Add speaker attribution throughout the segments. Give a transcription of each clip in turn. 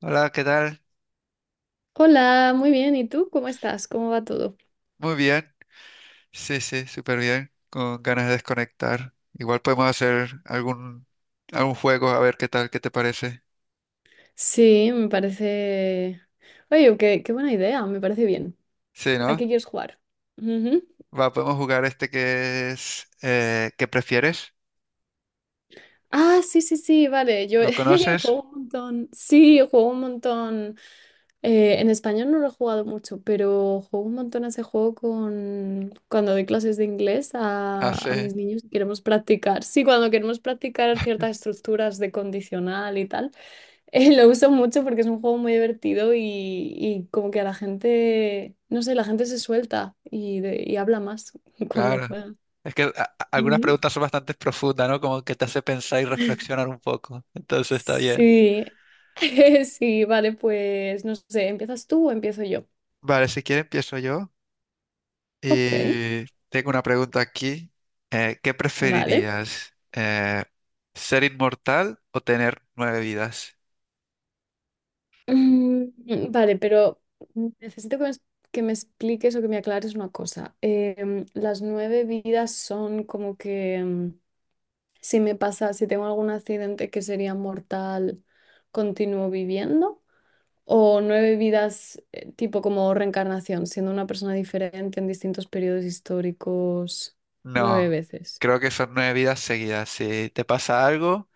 Speaker 1: Hola, ¿qué tal?
Speaker 2: Hola, muy bien. ¿Y tú cómo estás? ¿Cómo va todo?
Speaker 1: Muy bien. Sí, sí, súper bien. Con ganas de desconectar. Igual podemos hacer algún juego, a ver qué tal, qué te parece.
Speaker 2: Sí, me parece... Oye, qué buena idea, me parece bien.
Speaker 1: Sí,
Speaker 2: ¿A
Speaker 1: ¿no?
Speaker 2: qué quieres jugar? Ujú.
Speaker 1: Va, podemos jugar este que es... ¿qué prefieres?
Speaker 2: Ah, sí, sí, sí, vale. Yo
Speaker 1: ¿Lo
Speaker 2: juego
Speaker 1: conoces?
Speaker 2: un montón. Sí, juego un montón. En español no lo he jugado mucho, pero juego un montón a ese juego con... cuando doy clases de inglés
Speaker 1: Ah,
Speaker 2: a
Speaker 1: sí,
Speaker 2: mis niños y queremos practicar. Sí, cuando queremos practicar ciertas estructuras de condicional y tal. Lo uso mucho porque es un juego muy divertido y como que a la gente, no sé, la gente se suelta y y habla más cuando
Speaker 1: claro.
Speaker 2: juega.
Speaker 1: Es que algunas
Speaker 2: Ujú.
Speaker 1: preguntas son bastante profundas, ¿no? Como que te hace pensar y reflexionar un poco. Entonces está bien.
Speaker 2: Sí, sí, vale, pues no sé, ¿empiezas tú o empiezo yo?
Speaker 1: Vale, si quieres empiezo yo.
Speaker 2: Ok,
Speaker 1: Y tengo una pregunta aquí. ¿Qué
Speaker 2: vale.
Speaker 1: preferirías? ¿Ser inmortal o tener nueve vidas?
Speaker 2: Vale, pero necesito que me, es- que me expliques o que me aclares una cosa. Las nueve vidas son como que... si me pasa, si tengo algún accidente que sería mortal, continúo viviendo. O nueve vidas, tipo como reencarnación, siendo una persona diferente en distintos periodos históricos,
Speaker 1: No,
Speaker 2: nueve veces.
Speaker 1: creo que son nueve vidas seguidas. Si te pasa algo,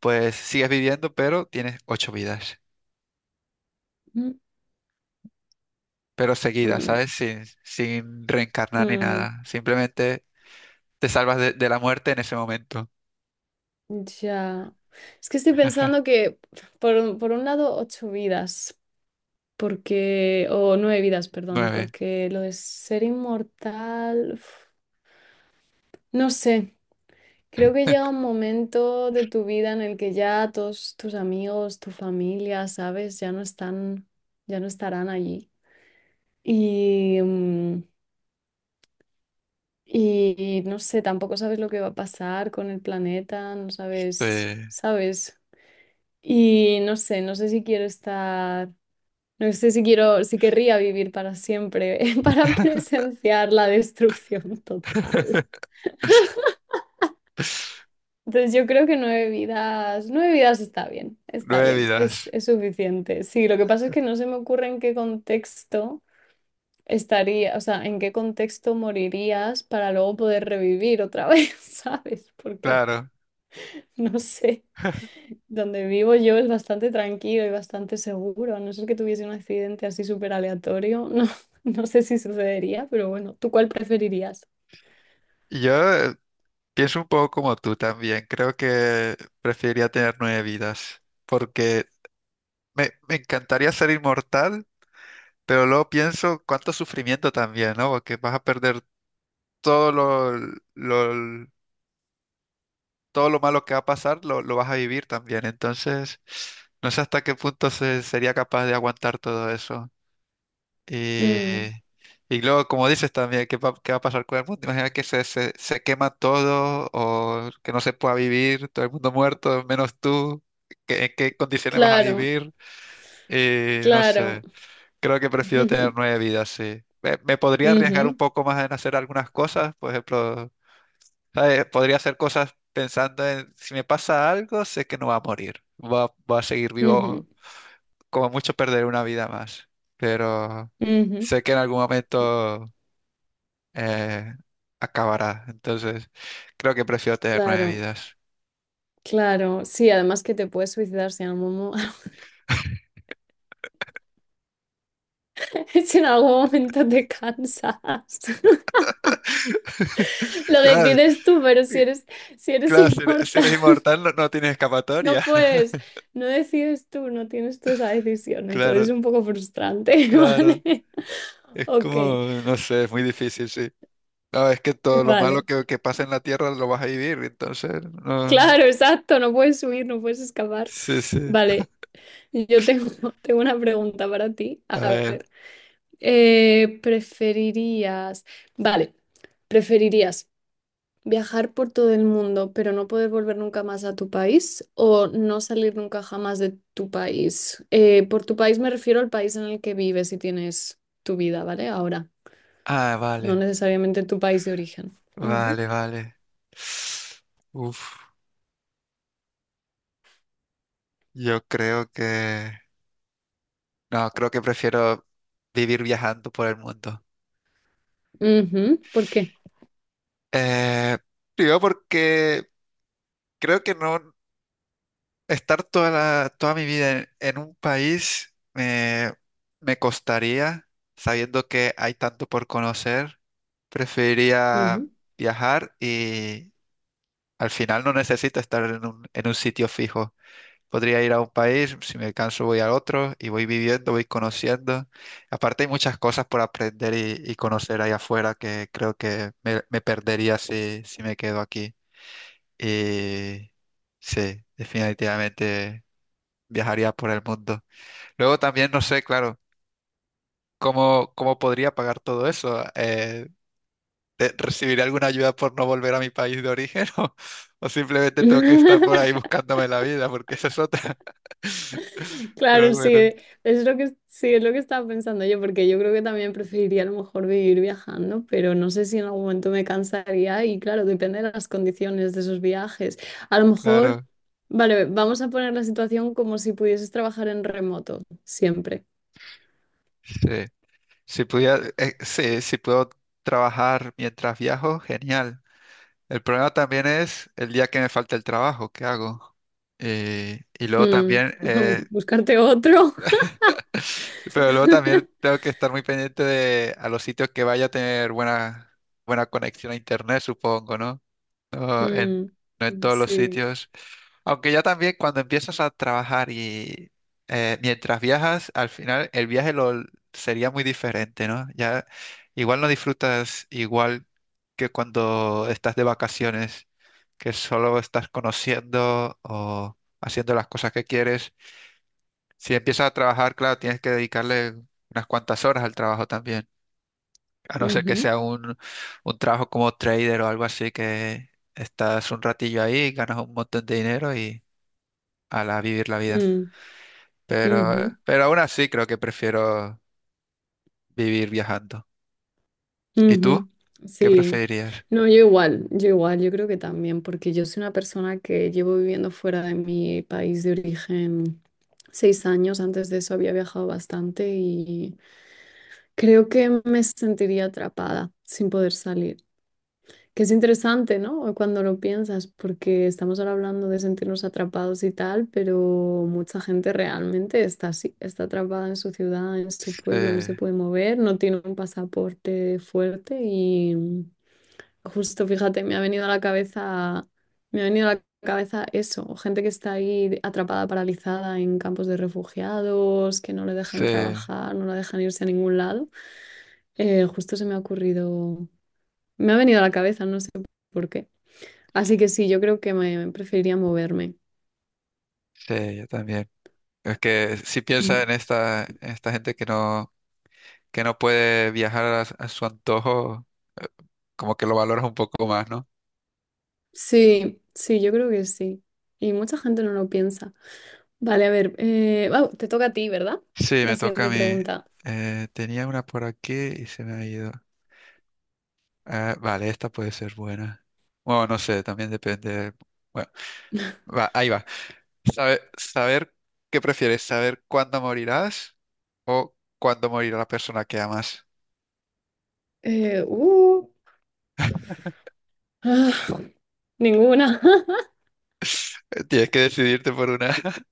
Speaker 1: pues sigues viviendo, pero tienes ocho vidas.
Speaker 2: Mm,
Speaker 1: Pero seguidas,
Speaker 2: mm,
Speaker 1: ¿sabes? Sin reencarnar ni
Speaker 2: mm,
Speaker 1: nada. Simplemente te salvas de la muerte en ese momento.
Speaker 2: ya. Es que estoy pensando que, por un lado, ocho vidas, porque, o nueve vidas, perdón,
Speaker 1: Nueve.
Speaker 2: porque lo de ser inmortal, uf, no sé. Creo que llega un momento de tu vida en el que ya todos tus amigos, tu familia, sabes, ya no están, ya no estarán allí. Y, y no sé, tampoco sabes lo que va a pasar con el planeta, no
Speaker 1: Sí.
Speaker 2: sabes, sabes. Y no sé, no sé si quiero estar, no sé si quiero, si querría vivir para siempre, para presenciar la destrucción total. Entonces yo creo que nueve vidas está
Speaker 1: Nueve
Speaker 2: bien,
Speaker 1: vidas,
Speaker 2: es suficiente. Sí, lo que pasa es que no se me ocurre en qué contexto estaría, o sea, en qué contexto morirías para luego poder revivir otra vez, ¿sabes? Porque
Speaker 1: claro.
Speaker 2: no sé, donde vivo yo es bastante tranquilo y bastante seguro, a no ser que tuviese un accidente así súper aleatorio, no, no sé si sucedería, pero bueno, ¿tú cuál preferirías?
Speaker 1: Y Yo, pienso un poco como tú también. Creo que preferiría tener nueve vidas, porque me encantaría ser inmortal, pero luego pienso cuánto sufrimiento también, ¿no? Porque vas a perder todo lo, lo- todo lo malo que va a pasar, lo vas a vivir también. Entonces, no sé hasta qué punto sería capaz de aguantar todo eso. Y,
Speaker 2: Mm,
Speaker 1: y luego, como dices también, ¿qué va a pasar con el mundo? Imagina que se quema todo o que no se pueda vivir, todo el mundo muerto, menos tú. ¿En qué condiciones vas a
Speaker 2: claro,
Speaker 1: vivir? Y no
Speaker 2: claro.
Speaker 1: sé, creo que prefiero tener nueve vidas, sí. Me podría arriesgar un
Speaker 2: Ujú,
Speaker 1: poco más en hacer algunas cosas, por ejemplo, ¿sabes? Podría hacer cosas pensando en si me pasa algo, sé que no va a morir, va a seguir
Speaker 2: ujú,
Speaker 1: vivo, como mucho perder una vida más. Pero
Speaker 2: ujú.
Speaker 1: sé que en algún momento eh, acabará. Entonces, creo que prefiero tener nueve
Speaker 2: Claro,
Speaker 1: vidas.
Speaker 2: claro. Sí, además que te puedes suicidar si en algún, mo- si en algún momento te cansas. Lo
Speaker 1: Claro,
Speaker 2: decides tú, pero si eres, si eres
Speaker 1: claro, si
Speaker 2: inmortal,
Speaker 1: eres inmortal no, no tienes
Speaker 2: no
Speaker 1: escapatoria.
Speaker 2: puedes, no decides tú, no tienes tú esa decisión. Entonces
Speaker 1: Claro,
Speaker 2: es un poco frustrante,
Speaker 1: claro.
Speaker 2: ¿vale?
Speaker 1: Es
Speaker 2: Ok,
Speaker 1: como, no sé, es muy difícil, sí. No, es que todo lo malo
Speaker 2: vale.
Speaker 1: que pasa en la Tierra lo vas a vivir, entonces, no.
Speaker 2: Claro, exacto, no puedes huir, no puedes escapar.
Speaker 1: Sí, sí.
Speaker 2: Vale, yo tengo, tengo una pregunta para ti.
Speaker 1: A
Speaker 2: A
Speaker 1: ver.
Speaker 2: ver. Preferirías, vale, preferirías viajar por todo el mundo, pero no poder volver nunca más a tu país o no salir nunca jamás de tu país. Por tu país me refiero al país en el que vives y tienes tu vida, ¿vale? Ahora,
Speaker 1: Ah,
Speaker 2: no
Speaker 1: vale.
Speaker 2: necesariamente tu país de origen. Ujú.
Speaker 1: Vale, vale. Uf, yo creo que... No, creo que prefiero vivir viajando por el mundo.
Speaker 2: Ujú. ¿Por qué?
Speaker 1: Eh, primero porque creo que no estar toda mi vida en un país me costaría, sabiendo que hay tanto por conocer. Preferiría
Speaker 2: Ujú.
Speaker 1: viajar y al final no necesito estar en un sitio fijo. Podría ir a un país, si me canso voy a otro y voy viviendo, voy conociendo. Aparte hay muchas cosas por aprender y conocer ahí afuera que creo que me perdería si me quedo aquí. Y sí, definitivamente viajaría por el mundo. Luego también no sé, claro, cómo podría pagar todo eso. ¿Recibiré alguna ayuda por no volver a mi país de origen? ¿O, o simplemente tengo que estar por ahí buscándome la vida? Porque esa es otra. Pero
Speaker 2: Claro, sí,
Speaker 1: bueno,
Speaker 2: e, es lo que, sí, es lo que estaba pensando yo, porque yo creo que también preferiría a lo mejor vivir viajando, pero no sé si en algún momento me cansaría y claro, depende de las condiciones de esos viajes. A lo mejor,
Speaker 1: claro,
Speaker 2: vale, vamos a poner la situación como si pudieses trabajar en remoto, siempre.
Speaker 1: sí. Si pudiera, sí, si puedo trabajar mientras viajo, genial. El problema también es el día que me falta el trabajo, ¿qué hago? Y luego
Speaker 2: Mm,
Speaker 1: también,
Speaker 2: buscarte otro.
Speaker 1: pero luego también tengo que estar muy pendiente de a los sitios que vaya a tener buena conexión a internet, supongo, ¿no? o en,
Speaker 2: Mm,
Speaker 1: no en todos los
Speaker 2: sí.
Speaker 1: sitios. Aunque ya también cuando empiezas a trabajar y mientras viajas, al final el viaje lo sería muy diferente, ¿no? Ya igual no disfrutas igual que cuando estás de vacaciones, que solo estás conociendo o haciendo las cosas que quieres. Si empiezas a trabajar, claro, tienes que dedicarle unas cuantas horas al trabajo también. A no ser que
Speaker 2: Ujú,
Speaker 1: sea un trabajo como trader o algo así, que estás un ratillo ahí, ganas un montón de dinero y ala, a vivir la vida.
Speaker 2: mm,
Speaker 1: Pero,
Speaker 2: ujú.
Speaker 1: pero aún así creo que prefiero vivir viajando. ¿Y tú?
Speaker 2: Ujú,
Speaker 1: ¿Qué
Speaker 2: sí,
Speaker 1: preferirías?
Speaker 2: no, yo igual, yo igual, yo creo que también, porque yo soy una persona que llevo viviendo fuera de mi país de origen 6 años, antes de eso había viajado bastante y creo que me sentiría atrapada sin poder salir, que es interesante, ¿no? Cuando lo piensas, porque estamos ahora hablando de sentirnos atrapados y tal, pero mucha gente realmente está así, está atrapada en su ciudad, en su
Speaker 1: Sí,
Speaker 2: pueblo, no se puede mover, no tiene un pasaporte fuerte y... Justo, fíjate, me ha venido a la cabeza, me ha venido a la cabeza eso, o gente que está ahí atrapada, paralizada en campos de refugiados, que no le
Speaker 1: sí,
Speaker 2: dejan trabajar, no la dejan irse a ningún lado. Justo se me ha ocurrido, me ha venido a la cabeza, no sé por qué. Así que sí, yo creo que me preferiría moverme.
Speaker 1: sí, yo también. Es que si piensas
Speaker 2: Mm.
Speaker 1: en esta gente que no puede viajar a, s- a su antojo, como que lo valoras un poco más, ¿no?
Speaker 2: Sí, sí, yo creo que sí. Y mucha gente no lo piensa. Vale, a ver, wow, te toca a ti, ¿verdad?
Speaker 1: Sí,
Speaker 2: La
Speaker 1: me toca a
Speaker 2: siguiente
Speaker 1: mí.
Speaker 2: pregunta.
Speaker 1: Tenía una por aquí y se me ha ido. Ah, vale, esta puede ser buena. Bueno, no sé, también depende. Bueno, va, ahí va. Saber qué prefieres, saber cuándo morirás o cuándo morirá la persona que amas.
Speaker 2: Eh, uh, ah, ninguna.
Speaker 1: Tienes que decidirte por una.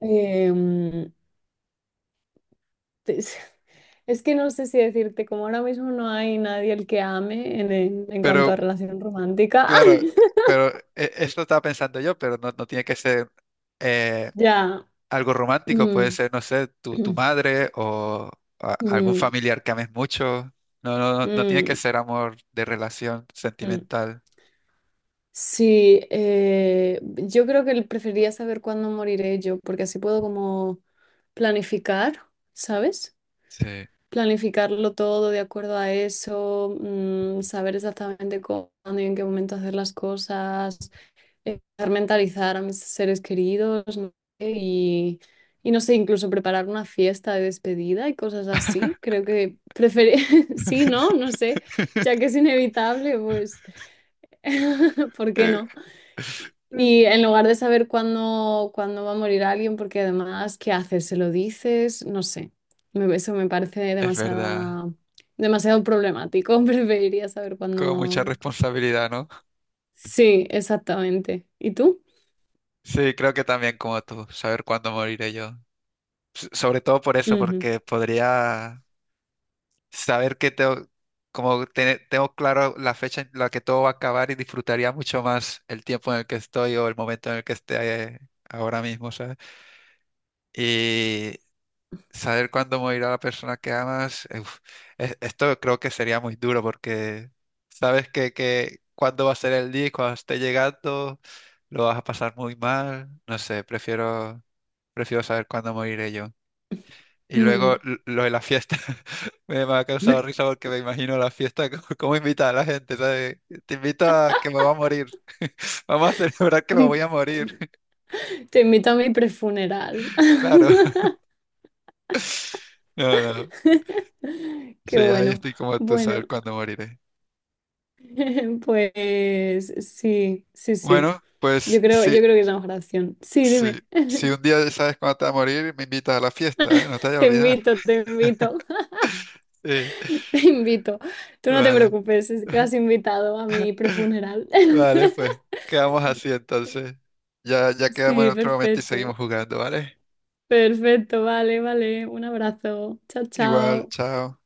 Speaker 2: Em, es, es que no sé si decirte, como ahora mismo no hay nadie el que ame en
Speaker 1: Pero,
Speaker 2: cuanto a relación romántica.
Speaker 1: claro, pero esto estaba pensando yo, pero no, no tiene que ser eh,
Speaker 2: Ya.
Speaker 1: algo romántico, puede
Speaker 2: Mm,
Speaker 1: ser, no sé, tu madre o algún
Speaker 2: mm,
Speaker 1: familiar que ames mucho. No, no, no no tiene
Speaker 2: mm,
Speaker 1: que ser amor de relación
Speaker 2: mm.
Speaker 1: sentimental.
Speaker 2: Sí, yo creo que preferiría saber cuándo moriré yo, porque así puedo como planificar, ¿sabes?
Speaker 1: Sí.
Speaker 2: Planificarlo todo de acuerdo a eso, mm, saber exactamente cuándo y en qué momento hacer las cosas. eh, Mentalizar a mis seres queridos, no sé, y no sé, incluso preparar una fiesta de despedida y cosas así. Creo que preferir, sí, ¿no? No sé, ya que es inevitable, pues, ¿por qué no? Y en lugar de saber cuándo, cuándo va a morir alguien, porque además, ¿qué haces? ¿Se lo dices? No sé. Eso me parece
Speaker 1: Es verdad,
Speaker 2: demasiada, demasiado problemático. Preferiría saber
Speaker 1: con mucha
Speaker 2: cuándo.
Speaker 1: responsabilidad, ¿no?
Speaker 2: Sí, exactamente. ¿Y tú?
Speaker 1: Sí, creo que también como tú, saber cuándo moriré yo. Sobre todo por eso,
Speaker 2: Ujú.
Speaker 1: porque podría saber que tengo, como tengo claro la fecha en la que todo va a acabar y disfrutaría mucho más el tiempo en el que estoy o el momento en el que esté ahora mismo, ¿sabes? Saber cuándo morirá la persona que amas, uf, esto creo que sería muy duro porque sabes que cuándo va a ser el día y cuando esté llegando lo vas a pasar muy mal. No sé, prefiero saber cuándo moriré yo. Y luego
Speaker 2: Mm.
Speaker 1: lo de la fiesta me ha causado risa porque me imagino la fiesta, como cómo invita a la gente, ¿sabes? Te invito a que me va a morir. Vamos a celebrar que me voy a morir.
Speaker 2: Te invito a mi prefuneral.
Speaker 1: Claro. No, no. Sí,
Speaker 2: Qué
Speaker 1: ahí
Speaker 2: bueno.
Speaker 1: estoy como tú, saber
Speaker 2: Bueno,
Speaker 1: cuándo moriré.
Speaker 2: pues sí, sí, sí.
Speaker 1: Bueno, pues sí,
Speaker 2: Yo creo que es la mejor opción. Sí,
Speaker 1: sí.
Speaker 2: dime.
Speaker 1: Si un día sabes cuándo te vas a morir, me invitas a la fiesta, ¿eh? No te vayas a olvidar.
Speaker 2: Te invito,
Speaker 1: Sí,
Speaker 2: te invito. Tú no te
Speaker 1: vale.
Speaker 2: preocupes, es que has invitado a mi prefuneral.
Speaker 1: Vale, pues. Quedamos así entonces. Ya, ya quedamos en
Speaker 2: Sí,
Speaker 1: otro momento y seguimos
Speaker 2: perfecto.
Speaker 1: jugando, ¿vale?
Speaker 2: Perfecto, vale, vale. Un abrazo. Chao,
Speaker 1: Igual,
Speaker 2: chao.
Speaker 1: chao.